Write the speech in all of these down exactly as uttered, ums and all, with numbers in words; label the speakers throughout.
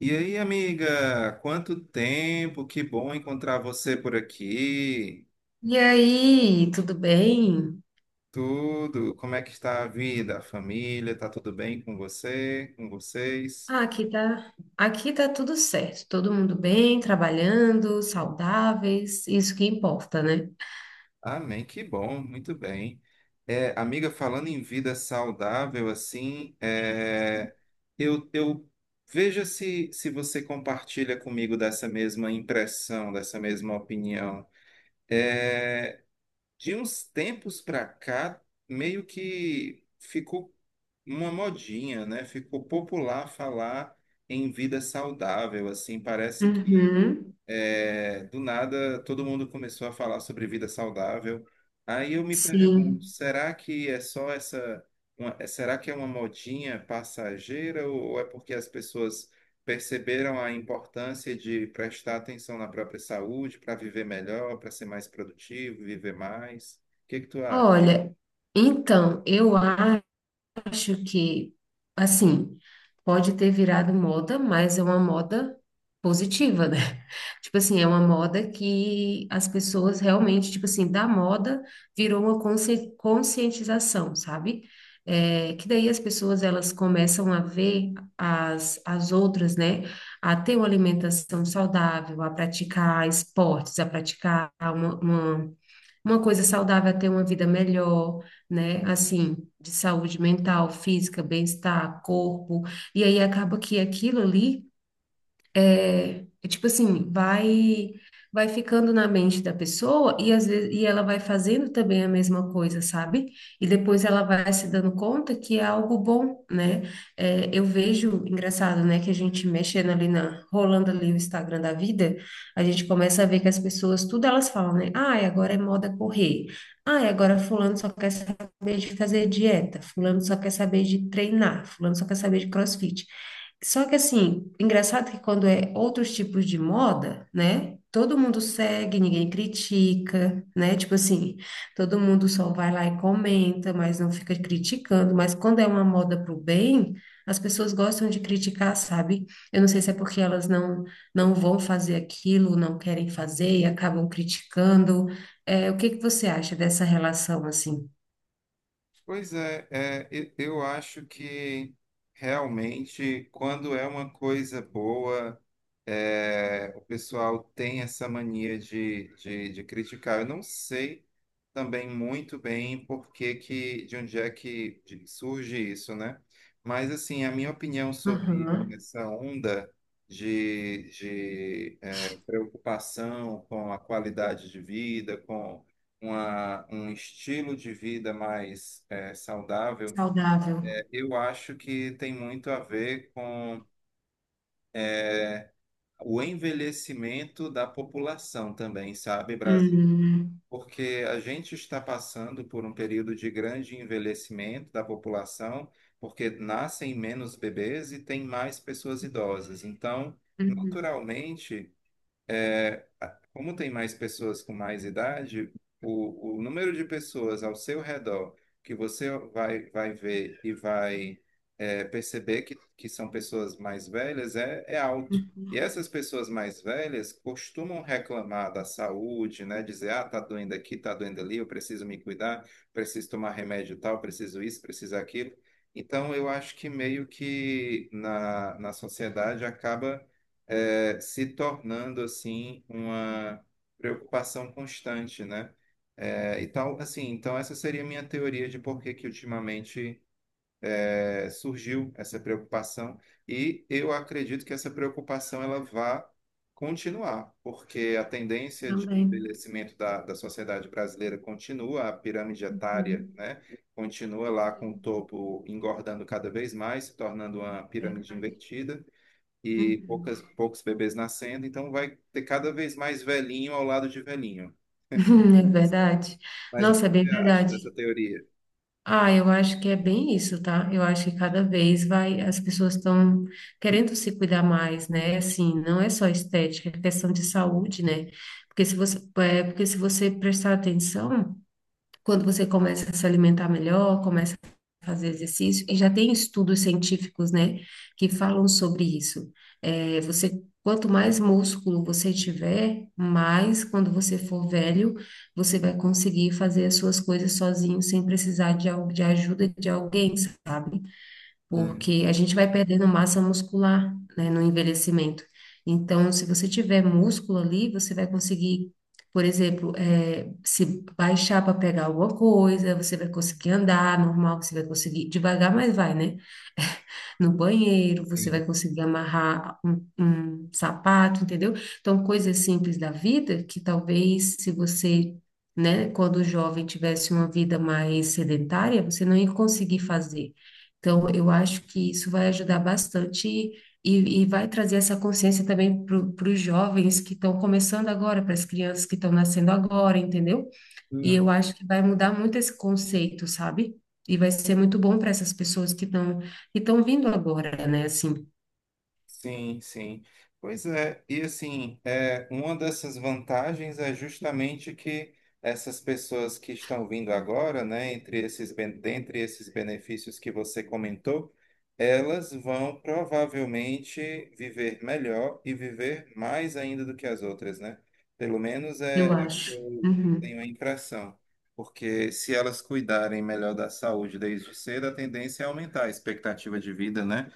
Speaker 1: E aí, amiga, quanto tempo, que bom encontrar você por aqui.
Speaker 2: E aí, tudo bem?
Speaker 1: Tudo, como é que está a vida, a família, tá tudo bem com você, com vocês?
Speaker 2: Ah, aqui tá, aqui tá tudo certo. Todo mundo bem, trabalhando, saudáveis, isso que importa, né?
Speaker 1: Amém, que bom, muito bem. É, amiga, falando em vida saudável, assim, é, eu, eu veja se, se você compartilha comigo dessa mesma impressão, dessa mesma opinião. De uns tempos para cá, meio que ficou uma modinha, né? Ficou popular falar em vida saudável, assim, parece que
Speaker 2: Uhum,
Speaker 1: é, do nada todo mundo começou a falar sobre vida saudável. Aí eu me pergunto,
Speaker 2: sim.
Speaker 1: será que é só essa, uma- é- será que é uma modinha passageira ou ou é porque as pessoas perceberam a importância de prestar atenção na própria saúde para viver melhor, para ser mais produtivo, viver mais? O que que tu acha?
Speaker 2: Olha, então, eu acho que, assim, pode ter virado moda, mas é uma moda positiva, né? Tipo assim, é uma moda que as pessoas realmente, tipo assim, da moda virou uma consci- conscientização, sabe? É, que daí as pessoas elas começam a ver as, as outras, né? A ter uma alimentação saudável, a praticar esportes, a praticar uma, uma uma coisa saudável é ter uma vida melhor, né? Assim, de saúde mental, física, bem-estar, corpo. E aí acaba que aquilo ali é, é tipo assim, vai vai ficando na mente da pessoa e às vezes e ela vai fazendo também a mesma coisa, sabe? E depois ela vai se dando conta que é algo bom, né? É, eu vejo, engraçado, né, que a gente mexendo ali na, rolando ali o Instagram da vida, a gente começa a ver que as pessoas, tudo elas falam, né? Ai, agora é moda correr. Ai, agora fulano só quer saber de fazer dieta, fulano só quer saber de treinar, fulano só quer saber de crossfit. Só que assim, engraçado que quando é outros tipos de moda, né? Todo mundo segue, ninguém critica, né? Tipo assim, todo mundo só vai lá e comenta, mas não fica criticando. Mas quando é uma moda pro bem, as pessoas gostam de criticar, sabe? Eu não sei se é porque elas não não vão fazer aquilo, não querem fazer e acabam criticando. É, o que que você acha dessa relação assim?
Speaker 1: Pois é, é, e- eu acho que realmente quando é uma coisa boa, é, o pessoal tem essa mania de, de, de criticar. Eu não sei também muito bem por que que, de onde é que de- surge isso, né? Mas assim, a minha opinião sobre
Speaker 2: Aham.
Speaker 1: essa onda de, de é, preocupação com a qualidade de vida, com uma, um estilo de vida mais é saudável,
Speaker 2: Saudável.
Speaker 1: é, eu acho que tem muito a ver com o envelhecimento da população também, sabe, Brasil?
Speaker 2: Hum,
Speaker 1: Porque a gente está passando por um período de grande envelhecimento da população, porque nascem menos bebês e tem mais pessoas idosas. Então,
Speaker 2: uhum,
Speaker 1: naturalmente, como tem mais pessoas com mais idade, o, o número de pessoas ao seu redor que você vai, vai ver e vai é, perceber que, que são pessoas mais velhas é, é alto.
Speaker 2: uhum,
Speaker 1: E essas pessoas mais velhas costumam reclamar da saúde, né? Dizer, ah, tá doendo aqui, tá doendo ali, eu preciso me cuidar, preciso tomar remédio tal, preciso isso, preciso aquilo. Então, eu acho que meio que na, na sociedade acaba é, se tornando assim uma preocupação constante, né? É, e tal, assim, então essa seria a minha teoria de por que que ultimamente é, surgiu essa preocupação e eu acredito que essa preocupação ela vá continuar, porque a tendência de
Speaker 2: também.
Speaker 1: envelhecimento da, da sociedade brasileira continua, a pirâmide etária,
Speaker 2: Uhum.
Speaker 1: né, continua lá com o
Speaker 2: Sim,
Speaker 1: topo engordando cada vez mais, se tornando uma pirâmide
Speaker 2: verdade.
Speaker 1: invertida e
Speaker 2: Uhum.
Speaker 1: poucas, poucos bebês nascendo, então vai ter cada vez mais velhinho ao lado de velhinho.
Speaker 2: É verdade.
Speaker 1: Mas o que
Speaker 2: Nossa, é bem
Speaker 1: você acha dessa
Speaker 2: verdade.
Speaker 1: teoria?
Speaker 2: Ah, eu acho que é bem isso, tá? Eu acho que cada vez vai, as pessoas estão querendo se cuidar mais, né? Assim, não é só estética, é questão de saúde, né? Porque se você, é, porque se você prestar atenção, quando você começa a se alimentar melhor, começa a fazer exercício, e já tem estudos científicos, né, que falam sobre isso. É, você, quanto mais músculo você tiver, mais quando você for velho, você vai conseguir fazer as suas coisas sozinho, sem precisar de, al- de ajuda de alguém, sabe?
Speaker 1: Hum,
Speaker 2: Porque a gente vai perdendo massa muscular, né, no envelhecimento. Então, se você tiver músculo ali, você vai conseguir, por exemplo, eh, se baixar para pegar alguma coisa, você vai conseguir andar normal, você vai conseguir devagar, mas vai, né? No banheiro, você vai conseguir amarrar um, um sapato, entendeu? Então, coisas simples da vida que talvez se você, né, quando jovem tivesse uma vida mais sedentária, você não ia conseguir fazer. Então, eu acho que isso vai ajudar bastante e, e vai trazer essa consciência também para os jovens que estão começando agora, para as crianças que estão nascendo agora, entendeu? E
Speaker 1: sim.
Speaker 2: eu acho que vai mudar muito esse conceito, sabe? E vai ser muito bom para essas pessoas que estão que estão vindo agora, né? Assim,
Speaker 1: Sim, sim. Pois é, e assim, é, uma dessas vantagens é justamente que essas pessoas que estão vindo agora, né, entre esses, ben- dentre esses benefícios que você comentou, elas vão provavelmente viver melhor e viver mais ainda do que as outras, né? Pelo menos
Speaker 2: eu
Speaker 1: é, é o que
Speaker 2: acho.
Speaker 1: eu
Speaker 2: Uhum.
Speaker 1: tenho a impressão. Porque se elas cuidarem melhor da saúde desde cedo, a tendência é aumentar a expectativa de vida, né?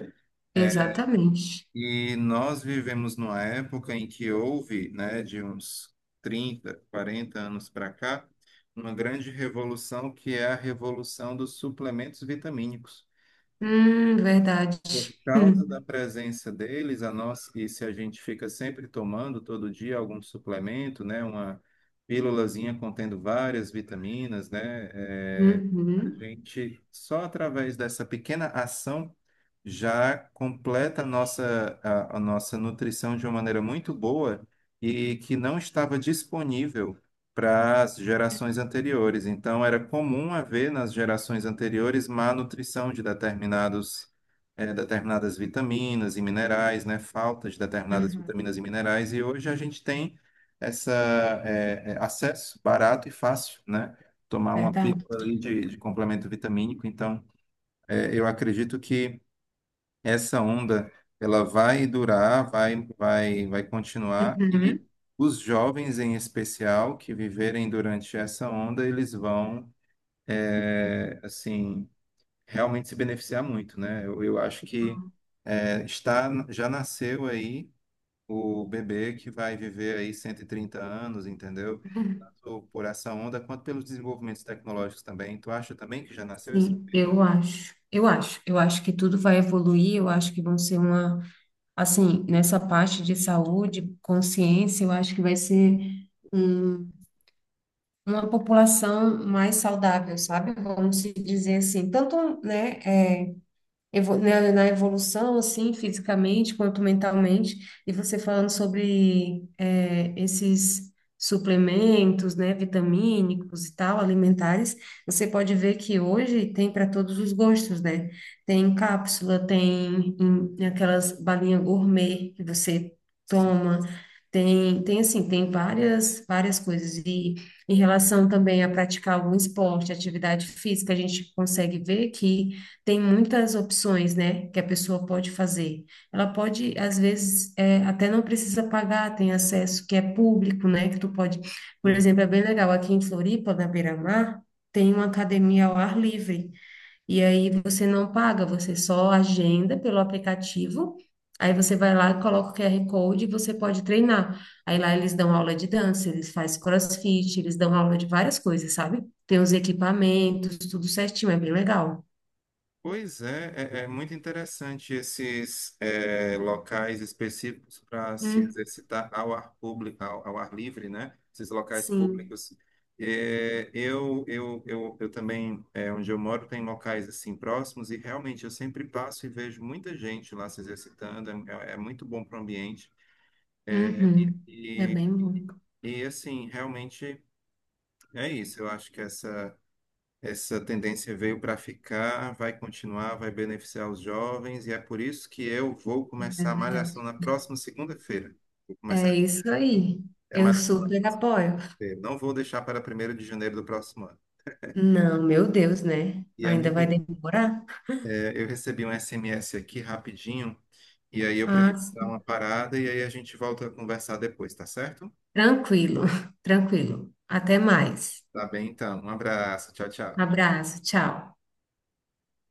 Speaker 2: Exatamente.
Speaker 1: E nós vivemos numa época em que houve, né, de uns trinta, quarenta anos para cá, uma grande revolução que é a revolução dos suplementos vitamínicos.
Speaker 2: Hum, verdade.
Speaker 1: Por causa da
Speaker 2: Hum.
Speaker 1: presença deles, a nós, e se a gente fica sempre tomando todo dia algum suplemento, né, uma pílulazinha contendo várias vitaminas, né, eh, a
Speaker 2: Uhum.
Speaker 1: gente, só através dessa pequena ação, já completa a nossa, a, a nossa nutrição de uma maneira muito boa e que não estava disponível para as gerações anteriores. Então, era comum haver nas gerações anteriores má nutrição de determinados, eh, determinadas vitaminas e minerais, né? Falta de determinadas
Speaker 2: Uhum.
Speaker 1: vitaminas e minerais. E hoje a gente tem essa, eh, eh, acesso barato e fácil, né? Tomar uma
Speaker 2: Verdade.
Speaker 1: pílula ali de, de complemento vitamínico. Então, é, eu acredito que essa onda ela vai durar, vai, vai, vai continuar e
Speaker 2: Uhum.
Speaker 1: os jovens em especial que viverem durante essa onda, eles vão é, assim realmente se beneficiar muito, né? Eu, eu acho que é, está já nasceu aí o bebê que vai viver aí cento e trinta anos, entendeu? Tanto por essa onda quanto pelos desenvolvimentos tecnológicos também. Tu acha também que já nasceu esse?
Speaker 2: Sim, eu acho. Eu acho. Eu acho que tudo vai evoluir. Eu acho que vão ser uma, assim, nessa parte de saúde, consciência, eu acho que vai ser um uma população mais saudável, sabe? Vamos se dizer assim, tanto, né, evo- né, na evolução, assim, fisicamente quanto mentalmente, e você falando sobre é, esses suplementos, né, vitamínicos e tal, alimentares, você pode ver que hoje tem para todos os gostos, né? Tem cápsula, tem em- aquelas balinhas gourmet que você toma, tem, tem assim, tem várias, várias coisas. E em relação também a praticar algum esporte, atividade física, a gente consegue ver que tem muitas opções, né, que a pessoa pode fazer. Ela pode, às vezes, é, até não precisa pagar, tem acesso que é público, né, que tu pode, por
Speaker 1: Sim.
Speaker 2: exemplo, é bem legal, aqui em Floripa, na Beira-Mar, tem uma academia ao ar livre, e aí você não paga, você só agenda pelo aplicativo, aí você vai lá, coloca o Q R Code e você pode treinar. Aí lá eles dão aula de dança, eles fazem crossfit, eles dão aula de várias coisas, sabe? Tem os equipamentos, tudo certinho, é bem legal.
Speaker 1: Pois é, é, é muito interessante esses é, locais específicos para se exercitar ao ar público, ao, ao ar livre, né? Esses locais
Speaker 2: Sim.
Speaker 1: públicos. É, eu, eu, eu, eu também, é, onde eu moro, tem locais assim próximos e realmente eu sempre passo e vejo muita gente lá se exercitando. É, é muito bom para o ambiente. É, e,
Speaker 2: Uhum. É
Speaker 1: e-
Speaker 2: bem bom,
Speaker 1: E assim, realmente é isso. Eu acho que essa, essa tendência veio para ficar, vai continuar, vai beneficiar os jovens, e é por isso que eu vou
Speaker 2: é
Speaker 1: começar a malhação
Speaker 2: verdade.
Speaker 1: na próxima segunda-feira. Vou começar.
Speaker 2: É isso aí.
Speaker 1: É a
Speaker 2: Eu
Speaker 1: malhação na
Speaker 2: super
Speaker 1: segunda
Speaker 2: apoio.
Speaker 1: feira. Não vou deixar para primeiro de janeiro do próximo ano.
Speaker 2: Não, meu Deus, né?
Speaker 1: E,
Speaker 2: Ainda vai
Speaker 1: amiga,
Speaker 2: demorar?
Speaker 1: é, eu recebi um S M S aqui rapidinho, e aí eu
Speaker 2: Ah,
Speaker 1: preciso dar uma
Speaker 2: sim.
Speaker 1: parada, e aí a gente volta a conversar depois, tá certo?
Speaker 2: Tranquilo, tranquilo. Até mais.
Speaker 1: Tá bem, então. Um abraço. Tchau, tchau.
Speaker 2: Abraço, tchau.